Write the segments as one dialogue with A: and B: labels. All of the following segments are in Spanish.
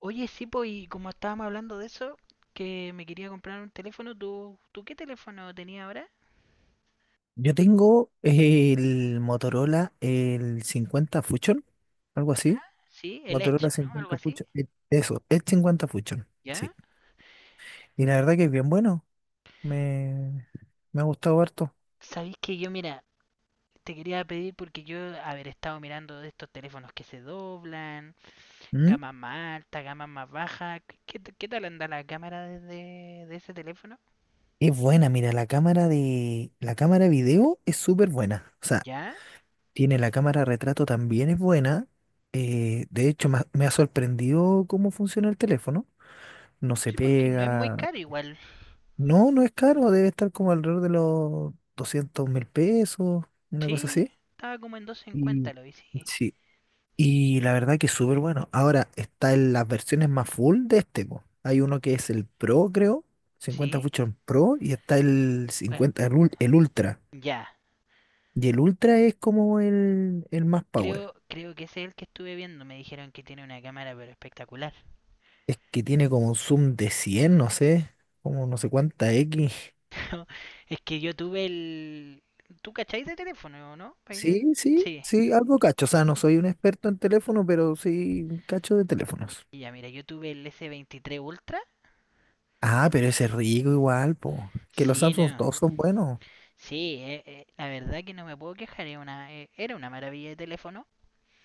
A: Oye, sí, pues, y como estábamos hablando de eso, que me quería comprar un teléfono, ¿tú qué teléfono tenías ahora?
B: Yo tengo el Motorola, el 50 Fusion, algo
A: ¿Ya?
B: así.
A: Sí, el Edge,
B: Motorola
A: ¿o no? Algo
B: 50
A: así.
B: Fusion. Eso, el 50 Fusion, sí.
A: ¿Ya?
B: Y la verdad que es bien bueno. Me, Me ha gustado harto.
A: Sabéis que yo, mira, te quería pedir porque yo, haber estado mirando de estos teléfonos que se doblan,
B: ¿Mm?
A: gama más alta, gama más baja. ¿Qué tal anda la cámara de ese teléfono?
B: Es buena, mira, la cámara video es súper buena. O sea,
A: ¿Ya?
B: tiene la cámara retrato también es buena. De hecho, me ha sorprendido cómo funciona el teléfono. No se
A: Sí, porque no es muy
B: pega.
A: caro igual.
B: No, no es caro, debe estar como alrededor de los $200.000, una cosa
A: Sí,
B: así.
A: estaba como en doscientos
B: Y
A: cincuenta, lo vi, sí.
B: sí, y la verdad que es súper bueno. Ahora está en las versiones más full de este, po. Hay uno que es el Pro, creo, 50
A: ¿Sí?
B: Fusion Pro, y está el
A: Bueno,
B: 50 el Ultra.
A: ya.
B: Y el Ultra es como el más power.
A: Creo que ese es el que estuve viendo. Me dijeron que tiene una cámara, pero espectacular.
B: Es que tiene como un zoom de 100, no sé, como no sé cuánta X.
A: Es que yo tuve el. ¿Tú cacháis de teléfono, no? ¿Byron?
B: Sí, sí,
A: Sí.
B: sí, algo cacho. O sea, no soy un experto en teléfono, pero sí cacho de teléfonos.
A: Ya, mira, yo tuve el S23 Ultra.
B: Ah, pero ese es rico igual, po. Que los
A: Sí,
B: Samsung
A: no.
B: todos son buenos.
A: Sí, la verdad que no me puedo quejar. Era una maravilla de teléfono.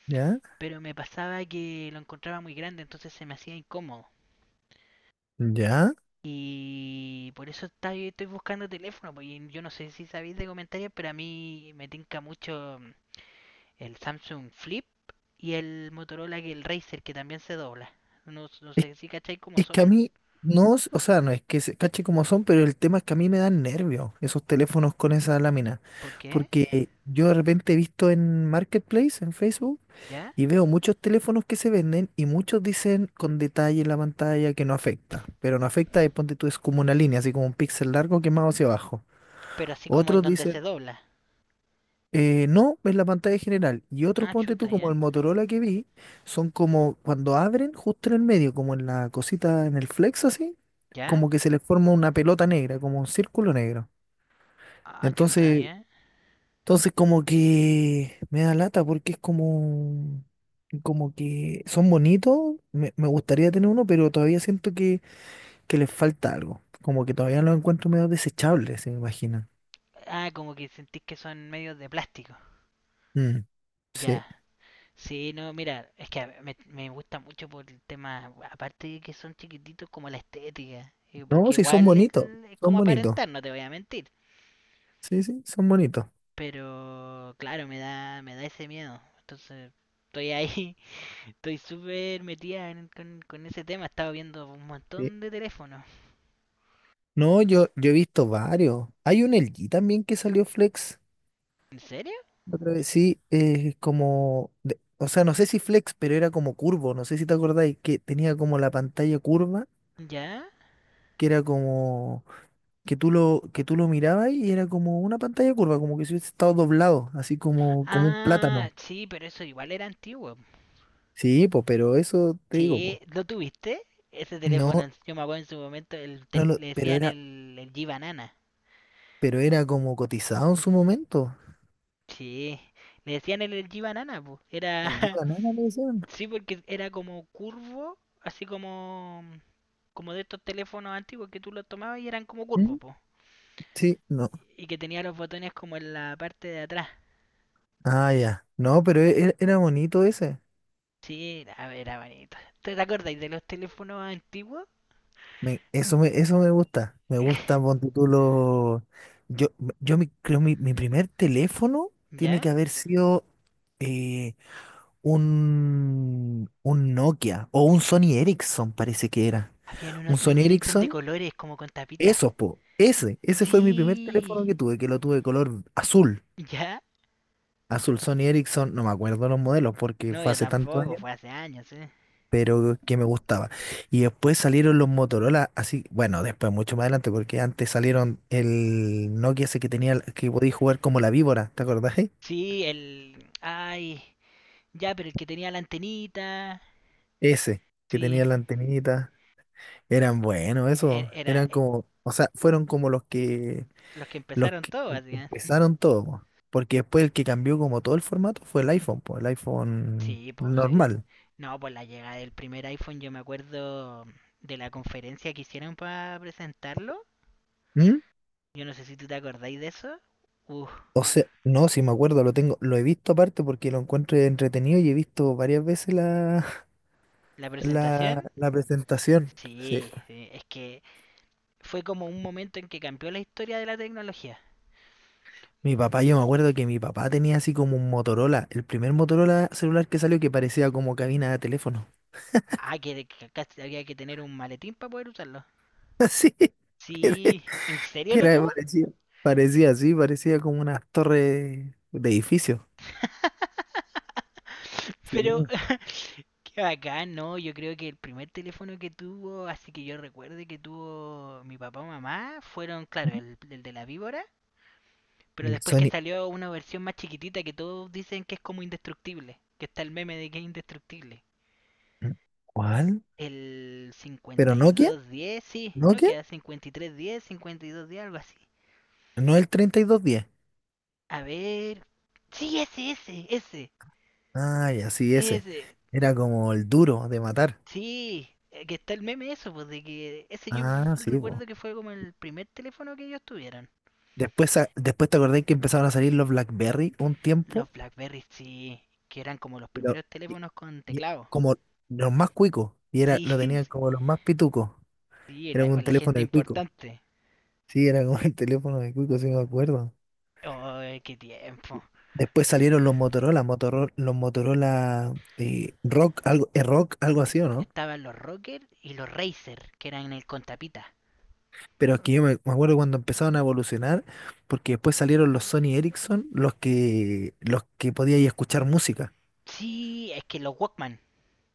B: ¿Ya?
A: Pero me pasaba que lo encontraba muy grande, entonces se me hacía incómodo.
B: ¿Ya?
A: Y por eso estoy buscando teléfono. Porque yo no sé si sabéis de comentarios, pero a mí me tinca mucho el Samsung Flip y el Motorola, que el Racer, que también se dobla. No, no
B: Es,
A: sé si cacháis cómo
B: es que a
A: son,
B: mí, no, o sea, no es que se cache como son, pero el tema es que a mí me dan nervios esos teléfonos con esa lámina.
A: por qué,
B: Porque yo de repente he visto en Marketplace, en Facebook,
A: ya,
B: y veo muchos teléfonos que se venden y muchos dicen con detalle en la pantalla que no afecta. Pero no afecta, es, ponte tú, es como una línea, así como un píxel largo quemado hacia abajo.
A: pero así como en
B: Otros
A: donde
B: dicen,
A: se dobla.
B: no, es la pantalla general. Y otros,
A: Ah,
B: ponte
A: chuta,
B: tú, como
A: ya,
B: el Motorola que vi, son como cuando abren justo en el medio, como en la cosita, en el flex así,
A: ya,
B: como que se les forma una pelota negra, como un círculo negro.
A: ah, chuta,
B: Entonces,
A: ya.
B: Entonces, como que me da lata, porque es como, como que son bonitos, me gustaría tener uno, pero todavía siento que les falta algo. Como que todavía los encuentro medio desechables, se me imagina.
A: Ah, como que sentís que son medios de plástico.
B: Mm, sí.
A: Ya, sí, no, mira, es que me gusta mucho por el tema, aparte de que son chiquititos, como la estética. eh,
B: No,
A: Porque
B: sí, son
A: igual es
B: bonitos,
A: es
B: son
A: como
B: bonitos.
A: aparentar, no te voy a mentir.
B: Sí, sí, son bonitos.
A: Pero claro, me da ese miedo. Entonces, estoy ahí. Estoy súper metida con ese tema. Estaba viendo un
B: Sí.
A: montón de teléfonos.
B: No, yo he visto varios. Hay un LG también que salió Flex.
A: ¿En serio?
B: Otra vez, sí, como, o sea, no sé si Flex, pero era como curvo, no sé si te acordáis, que tenía como la pantalla curva,
A: ¿Ya?
B: que era como que tú lo mirabas y era como una pantalla curva, como que si hubiese estado doblado, así como, como un
A: Ah,
B: plátano.
A: sí, pero eso igual era antiguo.
B: Sí, pues, pero eso te digo,
A: Sí,
B: pues.
A: ¿lo tuviste? Ese teléfono,
B: No,
A: yo me acuerdo en su momento, le
B: pero
A: decían el G-Banana.
B: pero era como cotizado en su momento.
A: Sí, le decían el G-Banana, po. Era,
B: El día nada le decían.
A: sí, porque era como curvo, así como de estos teléfonos antiguos que tú los tomabas y eran como curvos,
B: ¿Mm?
A: po.
B: Sí, no.
A: Y que tenía los botones como en la parte de atrás.
B: Ah, ya. No, pero era bonito ese.
A: Sí, a ver, era bonito. ¿Te acordáis de los teléfonos antiguos?
B: Eso eso me gusta. Me gusta, ponte tú, lo. Yo, yo mi primer teléfono tiene
A: ¿Ya?
B: que haber sido. eh, un Nokia o un Sony Ericsson, parece que era.
A: Habían
B: Un
A: unos
B: Sony
A: Sony Ericsson de
B: Ericsson,
A: colores, como con tapitas.
B: esos, po. Ese fue mi primer
A: Sí.
B: teléfono que tuve, que lo tuve de color azul.
A: ¿Ya?
B: Azul Sony Ericsson, no me acuerdo los modelos porque
A: No,
B: fue
A: yo
B: hace tantos
A: tampoco,
B: años,
A: fue hace años, ¿eh?
B: pero que me gustaba. Y después salieron los Motorola, así, bueno, después mucho más adelante, porque antes salieron el Nokia ese que tenía, que podía jugar como la víbora, ¿te acordás?
A: Sí, ay, ya, pero el que tenía la antenita.
B: Ese, que
A: Sí,
B: tenía la antenita. Eran buenos,
A: e-
B: eso.
A: era
B: Eran como, o sea, fueron como
A: los que
B: los
A: empezaron
B: que
A: todo, básicamente.
B: empezaron todo, po. Porque después el que cambió como todo el formato fue el iPhone, pues, el iPhone
A: Sí, pues sí.
B: normal.
A: No, pues la llegada del primer iPhone, yo me acuerdo de la conferencia que hicieron para presentarlo.
B: ¿Mm?
A: Yo no sé si tú te acordáis de eso. Uf,
B: O sea, no, si me acuerdo, lo tengo, lo he visto aparte porque lo encuentro entretenido y he visto varias veces la,
A: la presentación,
B: la presentación. Sí.
A: sí, sí, es que fue como un momento en que cambió la historia de la tecnología.
B: Mi papá, yo me acuerdo que mi papá tenía así como un Motorola, el primer Motorola celular que salió, que parecía como cabina de teléfono.
A: Ah, que casi había que tener un maletín para poder usarlo.
B: Así.
A: Sí, ¿en serio
B: Que
A: lo
B: era,
A: tuvo?
B: parecía, parecía así, parecía como unas torres de edificios. Sí.
A: Pero qué bacán, no, yo creo que el primer teléfono que tuvo, así que yo recuerde que tuvo mi papá o mamá, fueron, claro, el de la víbora, pero
B: El
A: después que
B: Sony,
A: salió una versión más chiquitita que todos dicen que es como indestructible, que está el meme de que es indestructible.
B: ¿cuál?
A: El
B: ¿Pero
A: cincuenta y
B: Nokia?
A: dos diez sí, no
B: ¿Nokia?
A: queda. Cincuenta y tres diez, 5210, algo así.
B: No, el 3210.
A: A ver. Sí, ese, ese, ese,
B: Ay, así, ese.
A: ese.
B: Era como el duro de matar.
A: Sí, que está el meme eso, pues de que ese yo
B: Ah, sí, po.
A: recuerdo que fue como el primer teléfono que ellos tuvieron.
B: Después, después te acordé que empezaron a salir los BlackBerry un tiempo.
A: Los Blackberry, sí, que eran como los
B: Y lo-
A: primeros
B: y-
A: teléfonos con
B: y
A: teclado.
B: como los más cuicos. Y era,
A: Sí,
B: lo
A: sí,
B: tenían como los más pitucos.
A: sí,
B: Era
A: o
B: un
A: la gente
B: teléfono de cuico.
A: importante.
B: Sí, era como el teléfono de cuico, sí me acuerdo.
A: Oh, qué tiempo.
B: Después salieron los Motorola, Motorola, los Motorola Rock, algo así, ¿o no?
A: Estaban los Rocker y los Razer, que eran el con tapita.
B: Pero aquí yo me acuerdo cuando empezaron a evolucionar, porque después salieron los Sony Ericsson, los que podíais escuchar música.
A: Sí, es que los Walkman.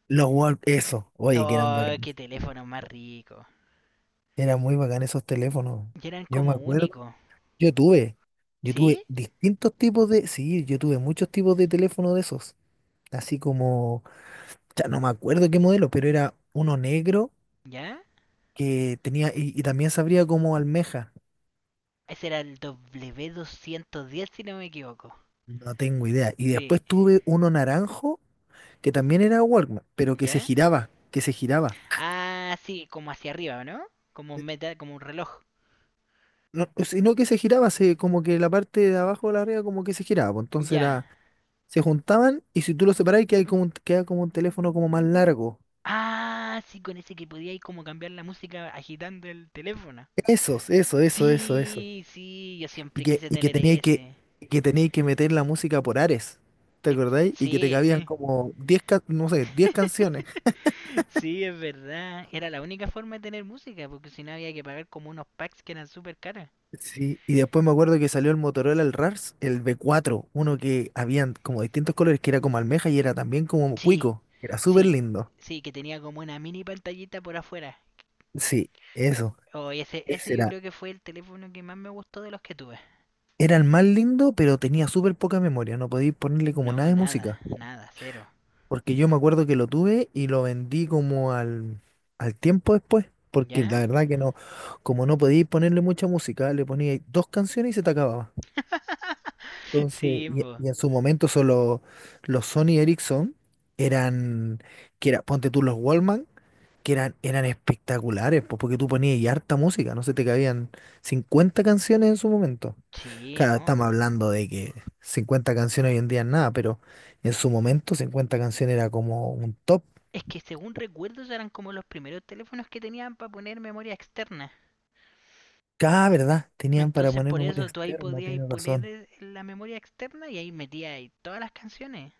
B: Los eso, oye, que eran
A: Oh,
B: bacanes.
A: qué teléfono más rico.
B: Eran muy bacán esos teléfonos.
A: Y eran
B: Yo me
A: como
B: acuerdo,
A: únicos.
B: yo tuve, yo tuve
A: ¿Sí?
B: distintos tipos de, sí, yo tuve muchos tipos de teléfonos de esos. Así como, ya no me acuerdo qué modelo, pero era uno negro
A: ¿Ya?
B: que tenía, y también sabría como almeja,
A: Ese era el W210, si no me equivoco.
B: no tengo idea. Y
A: Sí,
B: después tuve uno naranjo, que también era Walkman, pero que se
A: ¿ya?
B: giraba, que se giraba.
A: Ah, sí, como hacia arriba, ¿no? Como un meta, como un reloj.
B: No, sino que se giraba, se, como que la parte de abajo de la arriba como que se giraba, pues, entonces
A: Ya.
B: era, se juntaban y si tú lo separás queda como, queda como un teléfono como más largo.
A: Ah, sí, con ese que podía ir como cambiar la música agitando el teléfono.
B: Esos, eso, eso, eso, eso.
A: Sí, sí, yo
B: Y
A: siempre
B: que,
A: quise
B: y que
A: tener
B: tenía que,
A: ese.
B: que tenía que meter la música por Ares, ¿te acordáis? Y que te
A: Sí,
B: cabían
A: sí.
B: como 10, no sé, 10 canciones.
A: Sí, es verdad. Era la única forma de tener música, porque si no había que pagar como unos packs que eran súper caros.
B: Sí, y después me acuerdo que salió el Motorola, el RARS, el B4, uno que habían como distintos colores, que era como almeja y era también como
A: Sí,
B: cuico, era súper
A: sí,
B: lindo.
A: sí, que tenía como una mini pantallita por afuera.
B: Sí, eso,
A: Oh, y ese
B: ese
A: yo
B: era,
A: creo que fue el teléfono que más me gustó de los que tuve.
B: era el más lindo, pero tenía súper poca memoria, no podía ponerle como nada
A: No,
B: de
A: nada,
B: música,
A: nada, cero.
B: porque yo me acuerdo que lo tuve y lo vendí como al tiempo después, porque la
A: ¿Ya?
B: verdad que no, como no podía ponerle mucha música, le ponía dos canciones y se te acababa. Entonces,
A: Sí, pues.
B: y en su momento solo los Sony Ericsson eran, que era, ponte tú, los Wallman, que eran espectaculares, pues, porque tú ponías y harta música, no se te cabían 50 canciones en su momento.
A: Sí,
B: Claro,
A: no.
B: estamos hablando de que 50 canciones hoy en día es nada, pero en su momento 50 canciones era como un top.
A: Es que según recuerdos eran como los primeros teléfonos que tenían para poner memoria externa.
B: Cada verdad, tenían para
A: Entonces
B: poner
A: por
B: memoria
A: eso tú ahí
B: externa,
A: podías
B: tienes
A: poner
B: razón.
A: la memoria externa y ahí metías ahí todas las canciones.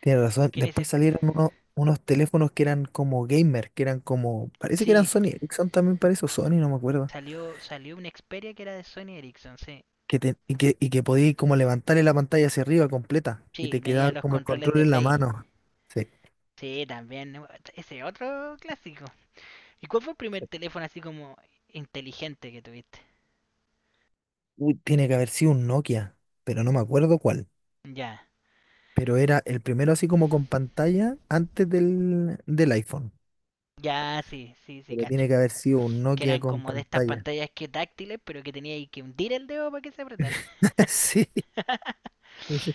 B: Tienes razón.
A: Que en ese
B: Después salieron unos, teléfonos que eran como gamer, que eran como, parece que eran
A: sí,
B: Sony Ericsson también, parece, o Sony, no me acuerdo.
A: salió una Xperia que era de Sony Ericsson, sí.
B: Y que podías como levantarle la pantalla hacia arriba completa y
A: Sí,
B: te
A: tenía
B: quedaba
A: los
B: como el
A: controles
B: control
A: de
B: en la
A: Play.
B: mano. Sí.
A: Sí, también ese otro clásico. ¿Y cuál fue el primer
B: Sí.
A: teléfono así como inteligente que tuviste?
B: Uy, tiene que haber sido un Nokia, pero no me acuerdo cuál.
A: Ya.
B: Pero era el primero así como con pantalla antes del iPhone.
A: Ya, sí, sí, sí,
B: Pero
A: cacho.
B: tiene que haber sido un
A: Que
B: Nokia
A: eran
B: con
A: como de estas
B: pantalla.
A: pantallas que táctiles, pero que tenía ahí que hundir el dedo para que se apretara.
B: Sí, eso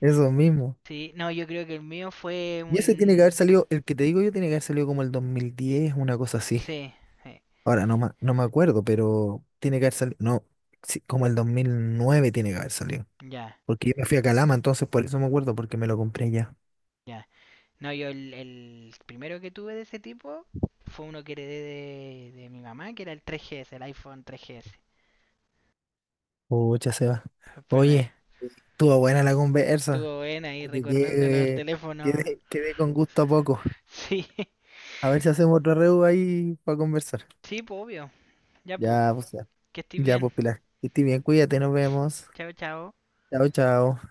B: eso mismo.
A: Sí, no, yo creo que el mío fue
B: Y ese tiene que haber
A: un
B: salido, el que te digo yo tiene que haber salido como el 2010, una cosa así.
A: sí, sí,
B: Ahora no, no me acuerdo, pero tiene que haber salido, no, sí, como el 2009 tiene que haber salido.
A: ya,
B: Porque yo me fui a Calama, entonces por eso me acuerdo, porque me lo compré ya.
A: ya. No, yo el, primero que tuve de ese tipo fue uno que heredé de mi mamá, que era el 3GS, el iPhone 3GS.
B: Pucha, Seba.
A: El primero.
B: Oye, estuvo buena la conversa.
A: Estuvo buena ahí
B: Porque
A: recordando los teléfonos.
B: quedé con gusto a poco.
A: Sí,
B: A ver si hacemos otro reu ahí para conversar.
A: sí, pues obvio. Ya, pues,
B: Ya, pues,
A: que estés
B: ya,
A: bien.
B: pues, Pilar. Que estés bien, cuídate, nos vemos.
A: Chao, chao.
B: Chao, chao.